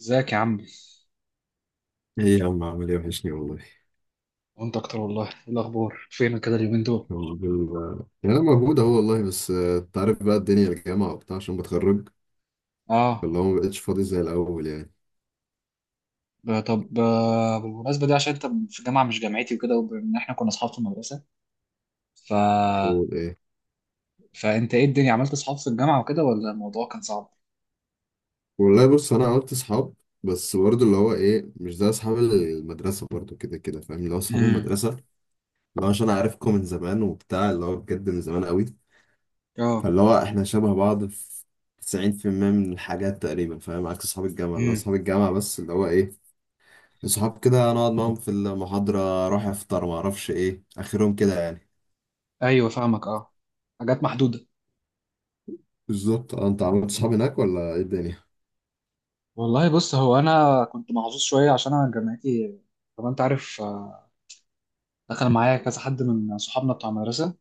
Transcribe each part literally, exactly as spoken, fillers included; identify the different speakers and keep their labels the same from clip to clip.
Speaker 1: ازيك يا عم؟
Speaker 2: ايه يا عم، عامل ايه؟ وحشني والله.
Speaker 1: وانت اكتر والله. ايه الاخبار؟ فينك كده اليومين دول؟
Speaker 2: والله- يعني انا موجود اهو والله، بس آه، انت عارف بقى الدنيا الجامعة وبتاع عشان بتخرج،
Speaker 1: اه.
Speaker 2: فاللي هو ما بقتش فاضي زي الاول يعني.
Speaker 1: ب- طب، آه، بالمناسبه، دي عشان انت في جامعه مش جامعتي وكده، وان احنا كنا اصحاب في المدرسه، ف
Speaker 2: قول ايه.
Speaker 1: فانت ايه الدنيا؟ عملت اصحاب في الجامعه وكده، ولا الموضوع كان صعب؟
Speaker 2: والله بص انا عملت اصحاب، بس برضه اللي هو ايه، مش زي اصحاب المدرسة برضه، كده كده فاهم؟ اللي هو اصحاب
Speaker 1: امم.
Speaker 2: المدرسة اللي هو عشان عارفكم من زمان وبتاع، اللي هو بجد من زمان قوي،
Speaker 1: اه.
Speaker 2: فاللي هو احنا شبه بعض في تسعين في المية من الحاجات تقريبا فاهم؟ عكس اصحاب الجامعة، اللي هو
Speaker 1: امم.
Speaker 2: اصحاب الجامعة بس اللي هو ايه، صحاب كده نقعد معاهم في المحاضرة، أروح أفطر، معرفش إيه آخرهم كده يعني.
Speaker 1: ايوه فاهمك، اه. حاجات محدوده.
Speaker 2: بالظبط اه، انت عملت صحاب هناك ولا ايه الدنيا؟
Speaker 1: والله بص، هو انا كنت محظوظ شويه عشان انا جامعتي. طبعا انت عارف. آه، دخل معايا كذا حد من صحابنا بتوع المدرسه.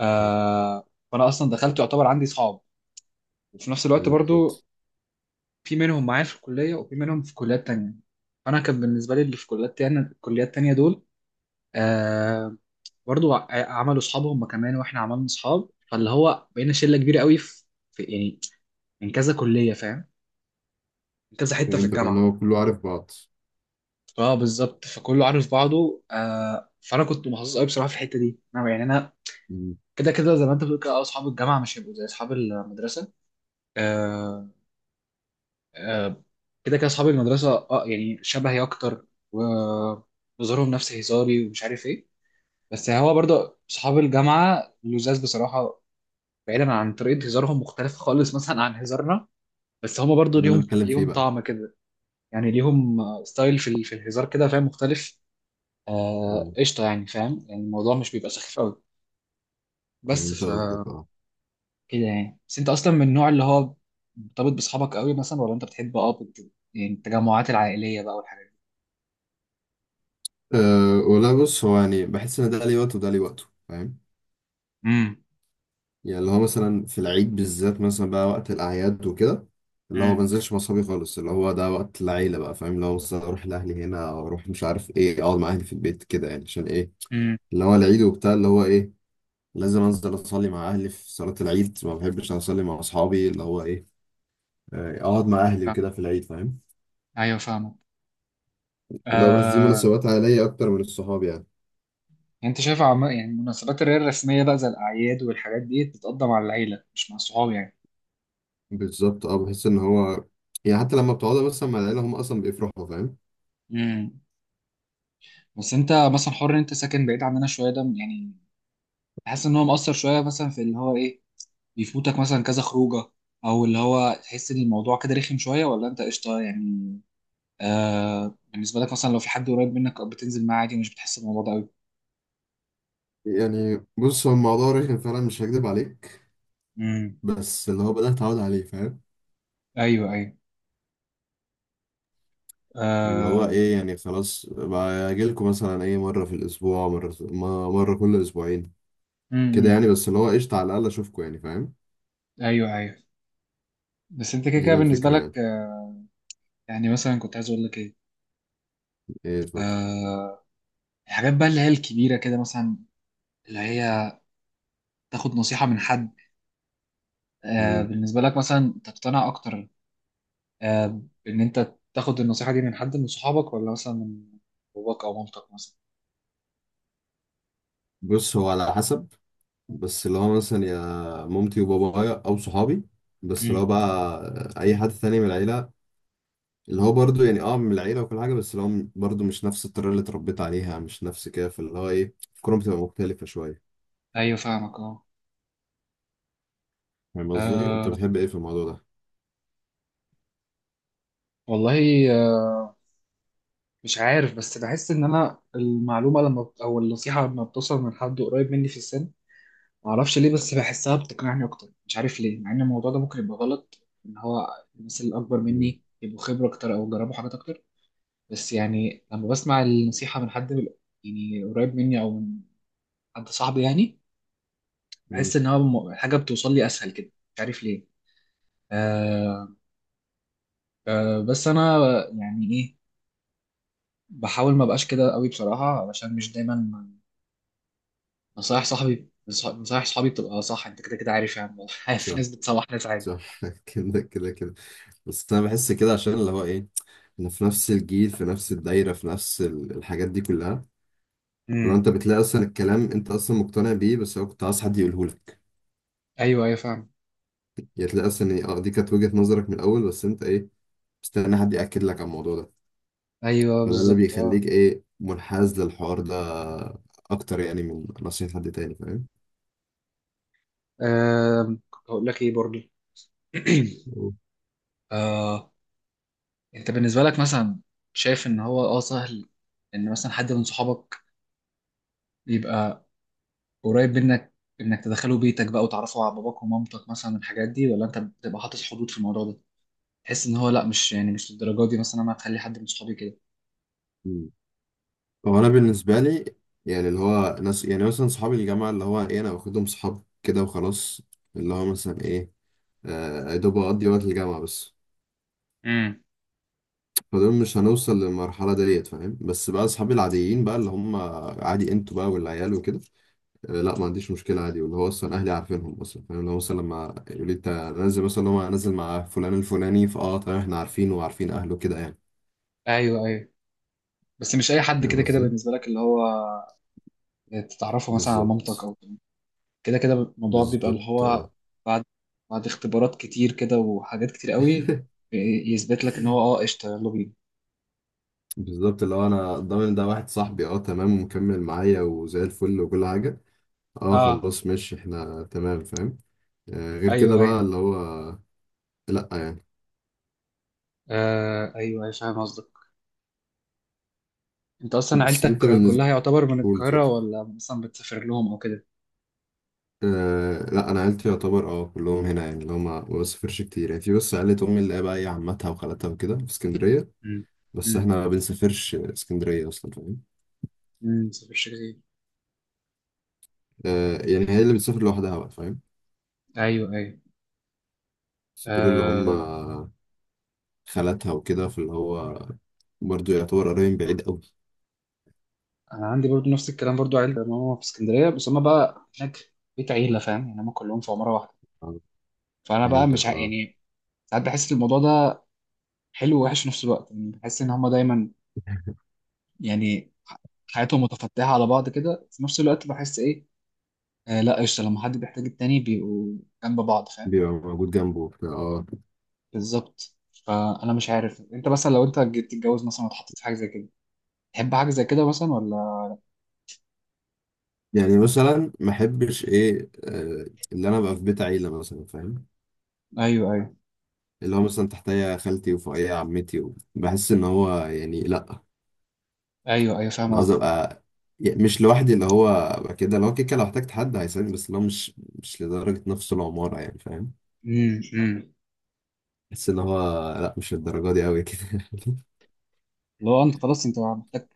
Speaker 1: آه، فانا اصلا دخلت يعتبر عندي صحاب، وفي نفس الوقت برضو
Speaker 2: بالظبط.
Speaker 1: في منهم معايا في الكلية وفي منهم في كليات تانية. فأنا كان بالنسبة لي اللي في كليات تانية، الكليات التانية دول آه برضو ع- عملوا أصحاب هم كمان، وإحنا عملنا أصحاب. فاللي هو بقينا شلة كبيرة قوي في في- يعني من كذا كلية، فاهم؟ من كذا حتة في
Speaker 2: فهمتك، انا
Speaker 1: الجامعة.
Speaker 2: هو كله عارف بعض.
Speaker 1: اه، بالظبط. فكله عارف بعضه. آه فأنا كنت محظوظ قوي بصراحة في الحتة دي. أنا يعني أنا
Speaker 2: مم.
Speaker 1: كده كده زي ما أنت بتقول كده. آه، أصحاب الجامعة مش هيبقوا زي أصحاب المدرسة. آه كده كده اصحاب المدرسه، اه يعني شبهي اكتر، وظهورهم نفس هزاري ومش عارف ايه. بس هو برضه اصحاب الجامعه لزاز بصراحه، بعيدا عن طريقه هزارهم مختلفه خالص مثلا عن هزارنا. بس هما برضه
Speaker 2: ده اللي
Speaker 1: ليهم
Speaker 2: بتكلم فيه
Speaker 1: ليهم
Speaker 2: بقى.
Speaker 1: طعم كده. يعني ليهم آه، ستايل في ال- في الهزار كده، فاهم؟ مختلف.
Speaker 2: اه
Speaker 1: آه، قشطه. يعني فاهم، يعني الموضوع مش بيبقى سخيف قوي. بس
Speaker 2: فهمت
Speaker 1: ف
Speaker 2: قصدك اه.
Speaker 1: كده يعني. بس انت اصلا من النوع اللي هو مرتبط باصحابك قوي مثلا، ولا انت بتحب اه بت- يعني التجمعات العائليه بقى والحاجات دي؟
Speaker 2: أه، ولا بص، هو يعني بحس ان ده ليه وقته وده ليه وقته فاهم؟ يعني اللي هو مثلا في العيد بالذات مثلا، بقى وقت الاعياد وكده، اللي هو ما
Speaker 1: امم.
Speaker 2: بنزلش مع اصحابي خالص، اللي هو ده وقت العيله بقى فاهم؟ اللي هو مثلا اروح لاهلي هنا، او اروح مش عارف ايه، اقعد مع اهلي في البيت كده يعني، عشان ايه؟ اللي هو العيد وبتاع، اللي هو ايه، لازم انزل اصلي مع اهلي في صلاة العيد، ما بحبش اصلي مع اصحابي، اللي هو ايه، آه، اقعد مع اهلي وكده في العيد فاهم؟
Speaker 1: ايوه فاهمك.
Speaker 2: لو بس دي
Speaker 1: آه.
Speaker 2: مناسبات عائلية اكتر من الصحاب يعني.
Speaker 1: انت شايف عم... يعني مناسبات اللي هي الرسميه بقى زي الاعياد والحاجات دي بتتقدم مع العيله مش مع الصحاب يعني؟
Speaker 2: بالظبط اه، بحس ان هو يعني حتى لما بتقعدوا بس مع العيلة هم اصلا بيفرحوا فاهم؟
Speaker 1: امم. بس انت مثلا حر، إن انت ساكن بعيد عننا شويه، ده يعني تحس ان هو مأثر شويه مثلا في اللي هو ايه، بيفوتك مثلا كذا خروجه؟ او اللي هو تحس ان الموضوع كده رخم شويه، ولا انت قشطه يعني؟ آه، بالنسبه لك مثلا لو في حد قريب منك بتنزل معاه عادي، مش بتحس بالموضوع ده قوي؟
Speaker 2: يعني بص هو الموضوع رخم فعلا، مش هكدب عليك،
Speaker 1: امم.
Speaker 2: بس اللي هو بدأت اتعود عليه فاهم.
Speaker 1: ايوه، ايوه.
Speaker 2: اللي هو
Speaker 1: آه...
Speaker 2: ايه يعني، خلاص باجيلكوا مثلا ايه، مرة في الاسبوع، مرة مرة كل اسبوعين كده
Speaker 1: امم.
Speaker 2: يعني، بس اللي هو قشطة على الاقل اشوفكوا يعني فاهم.
Speaker 1: ايوه، ايوه. بس انت كده
Speaker 2: دي
Speaker 1: كده بالنسبه
Speaker 2: الفكرة
Speaker 1: لك،
Speaker 2: يعني.
Speaker 1: يعني مثلا كنت عايز اقول لك ايه،
Speaker 2: ايه، اتفضل.
Speaker 1: آه الحاجات بقى اللي هي الكبيره كده مثلا، اللي هي تاخد نصيحه من حد، آه
Speaker 2: مم.
Speaker 1: بالنسبه لك مثلا تقتنع اكتر، آه بان انت تاخد النصيحه دي من حد من صحابك، ولا مثلا من باباك او مامتك مثلا؟
Speaker 2: بص هو على حسب. بس لو أنا مثلا يا مامتي وبابايا او صحابي، بس لو
Speaker 1: امم.
Speaker 2: بقى اي حد تاني من العيله، اللي هو برضو يعني اه من العيله وكل حاجه، بس اللي هو برضو مش نفس الطريقه اللي اتربيت عليها، مش نفس كده، فاللي هو ايه، الكوره بتبقى مختلفه شويه.
Speaker 1: ايوه فاهمك، اه.
Speaker 2: فاهم قصدي؟ انت
Speaker 1: آه،
Speaker 2: بتحب ايه في الموضوع ده؟
Speaker 1: والله، آه مش عارف، بس بحس ان انا المعلومه لما بت- او النصيحه لما بتوصل من حد قريب مني في السن، معرفش ليه بس بحسها بتقنعني اكتر، مش عارف ليه. مع ان الموضوع ده ممكن يبقى غلط، ان هو الناس اللي اكبر
Speaker 2: مم.
Speaker 1: مني يبقوا خبره اكتر او جربوا حاجات اكتر. بس يعني لما بسمع النصيحه من حد بال- يعني قريب مني، او من حد صاحبي يعني،
Speaker 2: مم.
Speaker 1: بحس ان هو م- الحاجه بتوصل لي اسهل كده، مش عارف ليه. آه آه بس انا يعني ايه، بحاول ما بقاش كده قوي بصراحه، علشان مش دايما نصايح صاحبي نصايح صحابي بتبقى صح. انت كده كده عارف يعني عارف، في
Speaker 2: صح.
Speaker 1: ناس بتصلح، ناس عادي.
Speaker 2: صح كده كده كده. بس انا بحس كده عشان اللي هو ايه، انا في نفس الجيل، في نفس الدايره، في نفس ال- الحاجات دي كلها. لو
Speaker 1: امم.
Speaker 2: انت بتلاقي اصلا الكلام انت اصلا مقتنع بيه، بس هو كنت عايز حد يقوله لك،
Speaker 1: ايوه، ايوه، فاهم.
Speaker 2: يعني تلاقي اصلا إيه، اه دي كانت وجهة نظرك من الاول، بس انت ايه، مستني حد ياكد لك على الموضوع ده.
Speaker 1: ايوه
Speaker 2: فده اللي
Speaker 1: بالظبط، اه.
Speaker 2: بيخليك ايه، منحاز للحوار ده اكتر يعني من نصيحة حد تاني فاهم.
Speaker 1: آم، كنت هقول لك ايه برضه.
Speaker 2: مم.
Speaker 1: آه انت بالنسبه لك مثلا، شايف ان هو اه سهل ان مثلا حد من صحابك يبقى قريب منك، انك تدخله بيتك بقى وتعرفه على باباك ومامتك مثلا، الحاجات دي، ولا انت بتبقى حاطط حدود في الموضوع ده؟ تحس ان هو لا، مش يعني مش للدرجه دي مثلا، انا هتخلي حد من صحابي كده؟
Speaker 2: مم. هو انا بالنسبه لي يعني، اللي هو ناس يعني مثلا صحابي الجامعه، اللي هو ايه، انا باخدهم صحاب كده وخلاص، اللي هو مثلا ايه، آه، يا دوب اقضي وقت الجامعه بس،
Speaker 1: امم.
Speaker 2: فدول مش هنوصل للمرحلة ديت فاهم. بس بقى أصحابي العاديين بقى اللي هم عادي، أنتوا بقى والعيال وكده، آه، لا ما عنديش مشكلة عادي، واللي هو أصلا أهلي عارفينهم أصلا فاهم، لو مثلا لما يقول لي أنت نازل مثلا، هو نازل مع فلان الفلاني، فأه تمام إحنا عارفينه وعارفين أهله كده يعني.
Speaker 1: ايوه، ايوه. بس مش اي حد
Speaker 2: فاهم
Speaker 1: كده كده
Speaker 2: قصدي؟
Speaker 1: بالنسبه لك، اللي هو تتعرفه مثلا على مامتك،
Speaker 2: بالظبط.
Speaker 1: او كده كده الموضوع بيبقى اللي
Speaker 2: بالظبط
Speaker 1: هو
Speaker 2: اه
Speaker 1: بعد بعد اختبارات كتير كده، وحاجات كتير قوي ي- يثبت لك ان هو اه قشطه، يلا بينا.
Speaker 2: بالظبط اللي هو أنا ضامن ده واحد صاحبي، أه تمام ومكمل معايا وزي الفل وكل حاجة، أه
Speaker 1: اه.
Speaker 2: خلاص ماشي إحنا تمام فاهم. آه، غير كده
Speaker 1: ايوه،
Speaker 2: بقى
Speaker 1: ايوه.
Speaker 2: اللي هو، لأ يعني.
Speaker 1: آه، ايوه، أيوة، فاهم قصدك. انت اصلا
Speaker 2: بس انت
Speaker 1: عيلتك
Speaker 2: بالنسبة
Speaker 1: كلها يعتبر من
Speaker 2: قول
Speaker 1: القاهره،
Speaker 2: اتفضل.
Speaker 1: ولا مثلا بتسافر لهم او كده؟
Speaker 2: أه لا انا عيلتي يعتبر اه كلهم هنا يعني، اللي هم ما بسافرش كتير يعني، في بس عيلة امي اللي هي بقى ايه، عمتها وخالتها وكده في اسكندرية،
Speaker 1: امم.
Speaker 2: بس احنا
Speaker 1: امم.
Speaker 2: ما بنسافرش اسكندرية اصلا فاهم.
Speaker 1: امم، مسافرش كتير.
Speaker 2: أه يعني هي اللي بتسافر لوحدها بقى فاهم.
Speaker 1: ايوه، ايوه.
Speaker 2: بس دول اللي هم
Speaker 1: آه
Speaker 2: خالتها وكده، فاللي هو برضه يعتبر قريب بعيد قوي.
Speaker 1: انا عندي برضو نفس الكلام. برضو عيلة ماما في اسكندريه، بس هما بقى هناك بيت عيله، فاهم يعني؟ هما كلهم في عماره واحده.
Speaker 2: آه،
Speaker 1: فانا بقى مش
Speaker 2: فهمتك
Speaker 1: ع...
Speaker 2: اه.
Speaker 1: يعني ساعات بحس الموضوع ده حلو ووحش في نفس الوقت. يعني بحس ان هما دايما يعني ح- حياتهم متفتحه على بعض كده. في نفس الوقت بحس ايه، آه، لا، قشطه، لما حد بيحتاج التاني بيبقوا جنب بعض، فاهم؟
Speaker 2: بيبقى موجود جنبه وبتاع، اه.
Speaker 1: بالظبط. فانا مش عارف، انت مثلا لو انت جيت تتجوز مثلا واتحطيت في حاجه زي كده، تحب حاجه زي كده مثلا، ولا؟
Speaker 2: يعني مثلا ما احبش ايه، آه، اللي انا ابقى في بيت عيلة مثلا فاهم،
Speaker 1: ايوه، ايوه،
Speaker 2: اللي هو مثلا تحتيا خالتي وفوقيا عمتي و- بحس ان هو يعني لا.
Speaker 1: ايوه، ايوه، فاهم
Speaker 2: انا عايز
Speaker 1: قصدي.
Speaker 2: ابقى يعني مش لوحدي، اللي هو ابقى كده، لو كده لو احتجت حد هيساعدني، بس اللي هو مش مش لدرجة نفس العمارة يعني فاهم.
Speaker 1: امم، امم.
Speaker 2: بحس ان هو لا، مش للدرجة دي قوي كده
Speaker 1: لو انت خلاص، انت محتاج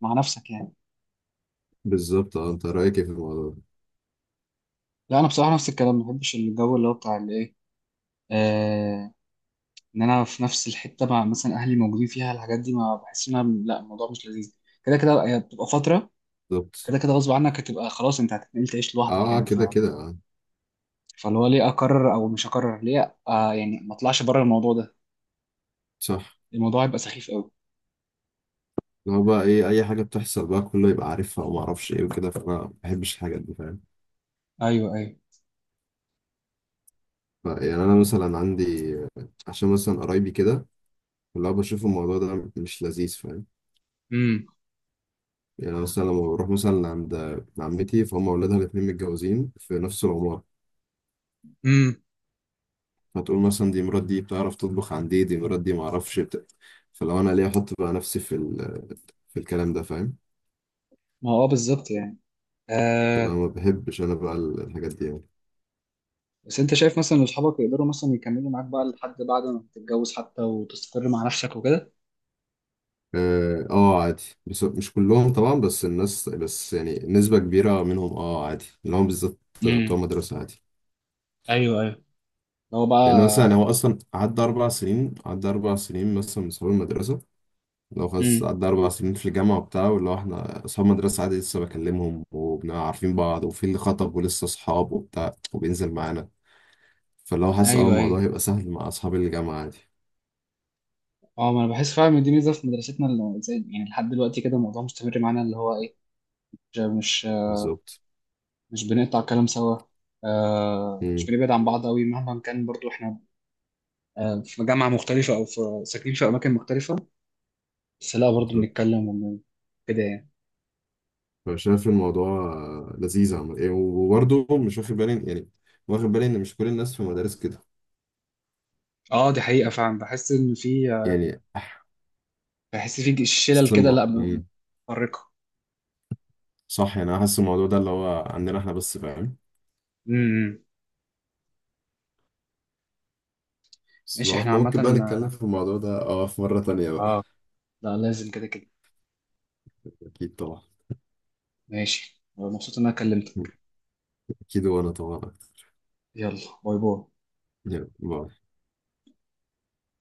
Speaker 1: مع نفسك يعني؟
Speaker 2: بالظبط اه، انت رايك ايه في الموضوع ده؟
Speaker 1: لا انا بصراحه نفس الكلام. ما بحبش الجو اللي هو بتاع الايه، ان انا في نفس الحته مع مثلا اهلي موجودين فيها، الحاجات دي ما بحس انها، لا، الموضوع مش لذيذ. كده كده هي بتبقى فتره.
Speaker 2: بالظبط
Speaker 1: كده كده غصب عنك هتبقى خلاص انت هتتنقل تعيش
Speaker 2: اه.
Speaker 1: لوحدك
Speaker 2: آه،
Speaker 1: يعني. ف...
Speaker 2: كده كده اه.
Speaker 1: فاللي هو ليه اقرر او مش اقرر؟ ليه آه يعني ما اطلعش بره الموضوع ده؟
Speaker 2: صح.
Speaker 1: الموضوع هيبقى سخيف قوي.
Speaker 2: اللي هو بقى ايه، اي حاجة بتحصل بقى كله يبقى عارفها، وما اعرفش ايه وكده، فانا ما بحبش الحاجات دي فاهم.
Speaker 1: ايوه، ايوه.
Speaker 2: ف- يعني انا مثلا عندي، عشان مثلا قرايبي كده، اللي هو بشوف الموضوع ده مش لذيذ فاهم.
Speaker 1: امم،
Speaker 2: يعني مثلا لما بروح مثلا عند عمتي، فهم أولادها الاتنين متجوزين في نفس العمارة،
Speaker 1: امم.
Speaker 2: فتقول مثلا دي مرات دي بتعرف تطبخ عن دي، دي مرات دي معرفش بت... فلو أنا ليه أحط بقى نفسي في ال... في الكلام ده فاهم.
Speaker 1: ما هو اه بالظبط يعني.
Speaker 2: فأنا
Speaker 1: آه
Speaker 2: ما بحبش أنا بقى ال- الحاجات دي يعني.
Speaker 1: بس انت شايف مثلا ان اصحابك يقدروا مثلا يكملوا معاك بقى لحد بعد ما تتجوز حتى، وتستقر مع نفسك وكده؟
Speaker 2: آه آه، عادي، بس مش كلهم طبعا، بس الناس بس يعني نسبة كبيرة منهم آه عادي، اللي هم بالذات بتوع
Speaker 1: امم.
Speaker 2: مدرسة عادي.
Speaker 1: ايوه، ايوه. هو
Speaker 2: لأن مثلا
Speaker 1: بقى.
Speaker 2: هو أصلا عدى أربع سنين، عدى أربع سنين مثلا من صحاب المدرسة، لو خلاص
Speaker 1: امم.
Speaker 2: قعدنا أربع سنين في الجامعة وبتاع، واللي هو إحنا أصحاب مدرسة عادي لسه بكلمهم وبنبقى عارفين بعض، وفي اللي خطب ولسه أصحاب وبتاع وبينزل معانا، فاللي هو حاسس أه
Speaker 1: ايوه،
Speaker 2: الموضوع
Speaker 1: ايوه.
Speaker 2: هيبقى سهل مع أصحاب الجامعة عادي.
Speaker 1: اه، ما انا بحس فعلا ان دي ميزه في مدرستنا، اللي زي يعني لحد دلوقتي كده الموضوع مستمر معانا اللي هو ايه، مش مش
Speaker 2: بالظبط.
Speaker 1: مش بنقطع كلام سوا. آه
Speaker 2: مم.
Speaker 1: مش بنبعد عن بعض قوي مهما كان. برضو احنا آه في جامعه مختلفه او في ساكنين في اماكن مختلفه، بس لا، برضو
Speaker 2: بالظبط.
Speaker 1: بنتكلم وبن- كده يعني.
Speaker 2: فشايف الموضوع آه، لذيذ، عمل إيه وبرضه مش واخد بالي يعني، واخد بالي إن مش كل الناس في مدارس كده
Speaker 1: اه، دي حقيقه فعلا. بحس ان في آه،
Speaker 2: يعني
Speaker 1: بحس في شلل كده،
Speaker 2: سمة.
Speaker 1: لا م- متفرقه.
Speaker 2: صح، يعني أنا حاسس الموضوع ده اللي هو عندنا إحنا بس فاهم.
Speaker 1: امم.
Speaker 2: بس
Speaker 1: ماشي،
Speaker 2: لو
Speaker 1: احنا
Speaker 2: إحنا
Speaker 1: عامه،
Speaker 2: ممكن بقى نتكلم في الموضوع ده أه في مرة تانية بقى.
Speaker 1: اه. لا لازم كده كده.
Speaker 2: أكيد طبعا.
Speaker 1: ماشي، آه، مبسوط ان انا كلمتك.
Speaker 2: أكيد وأنا طبعا،
Speaker 1: يلا، باي باي.
Speaker 2: يعني ما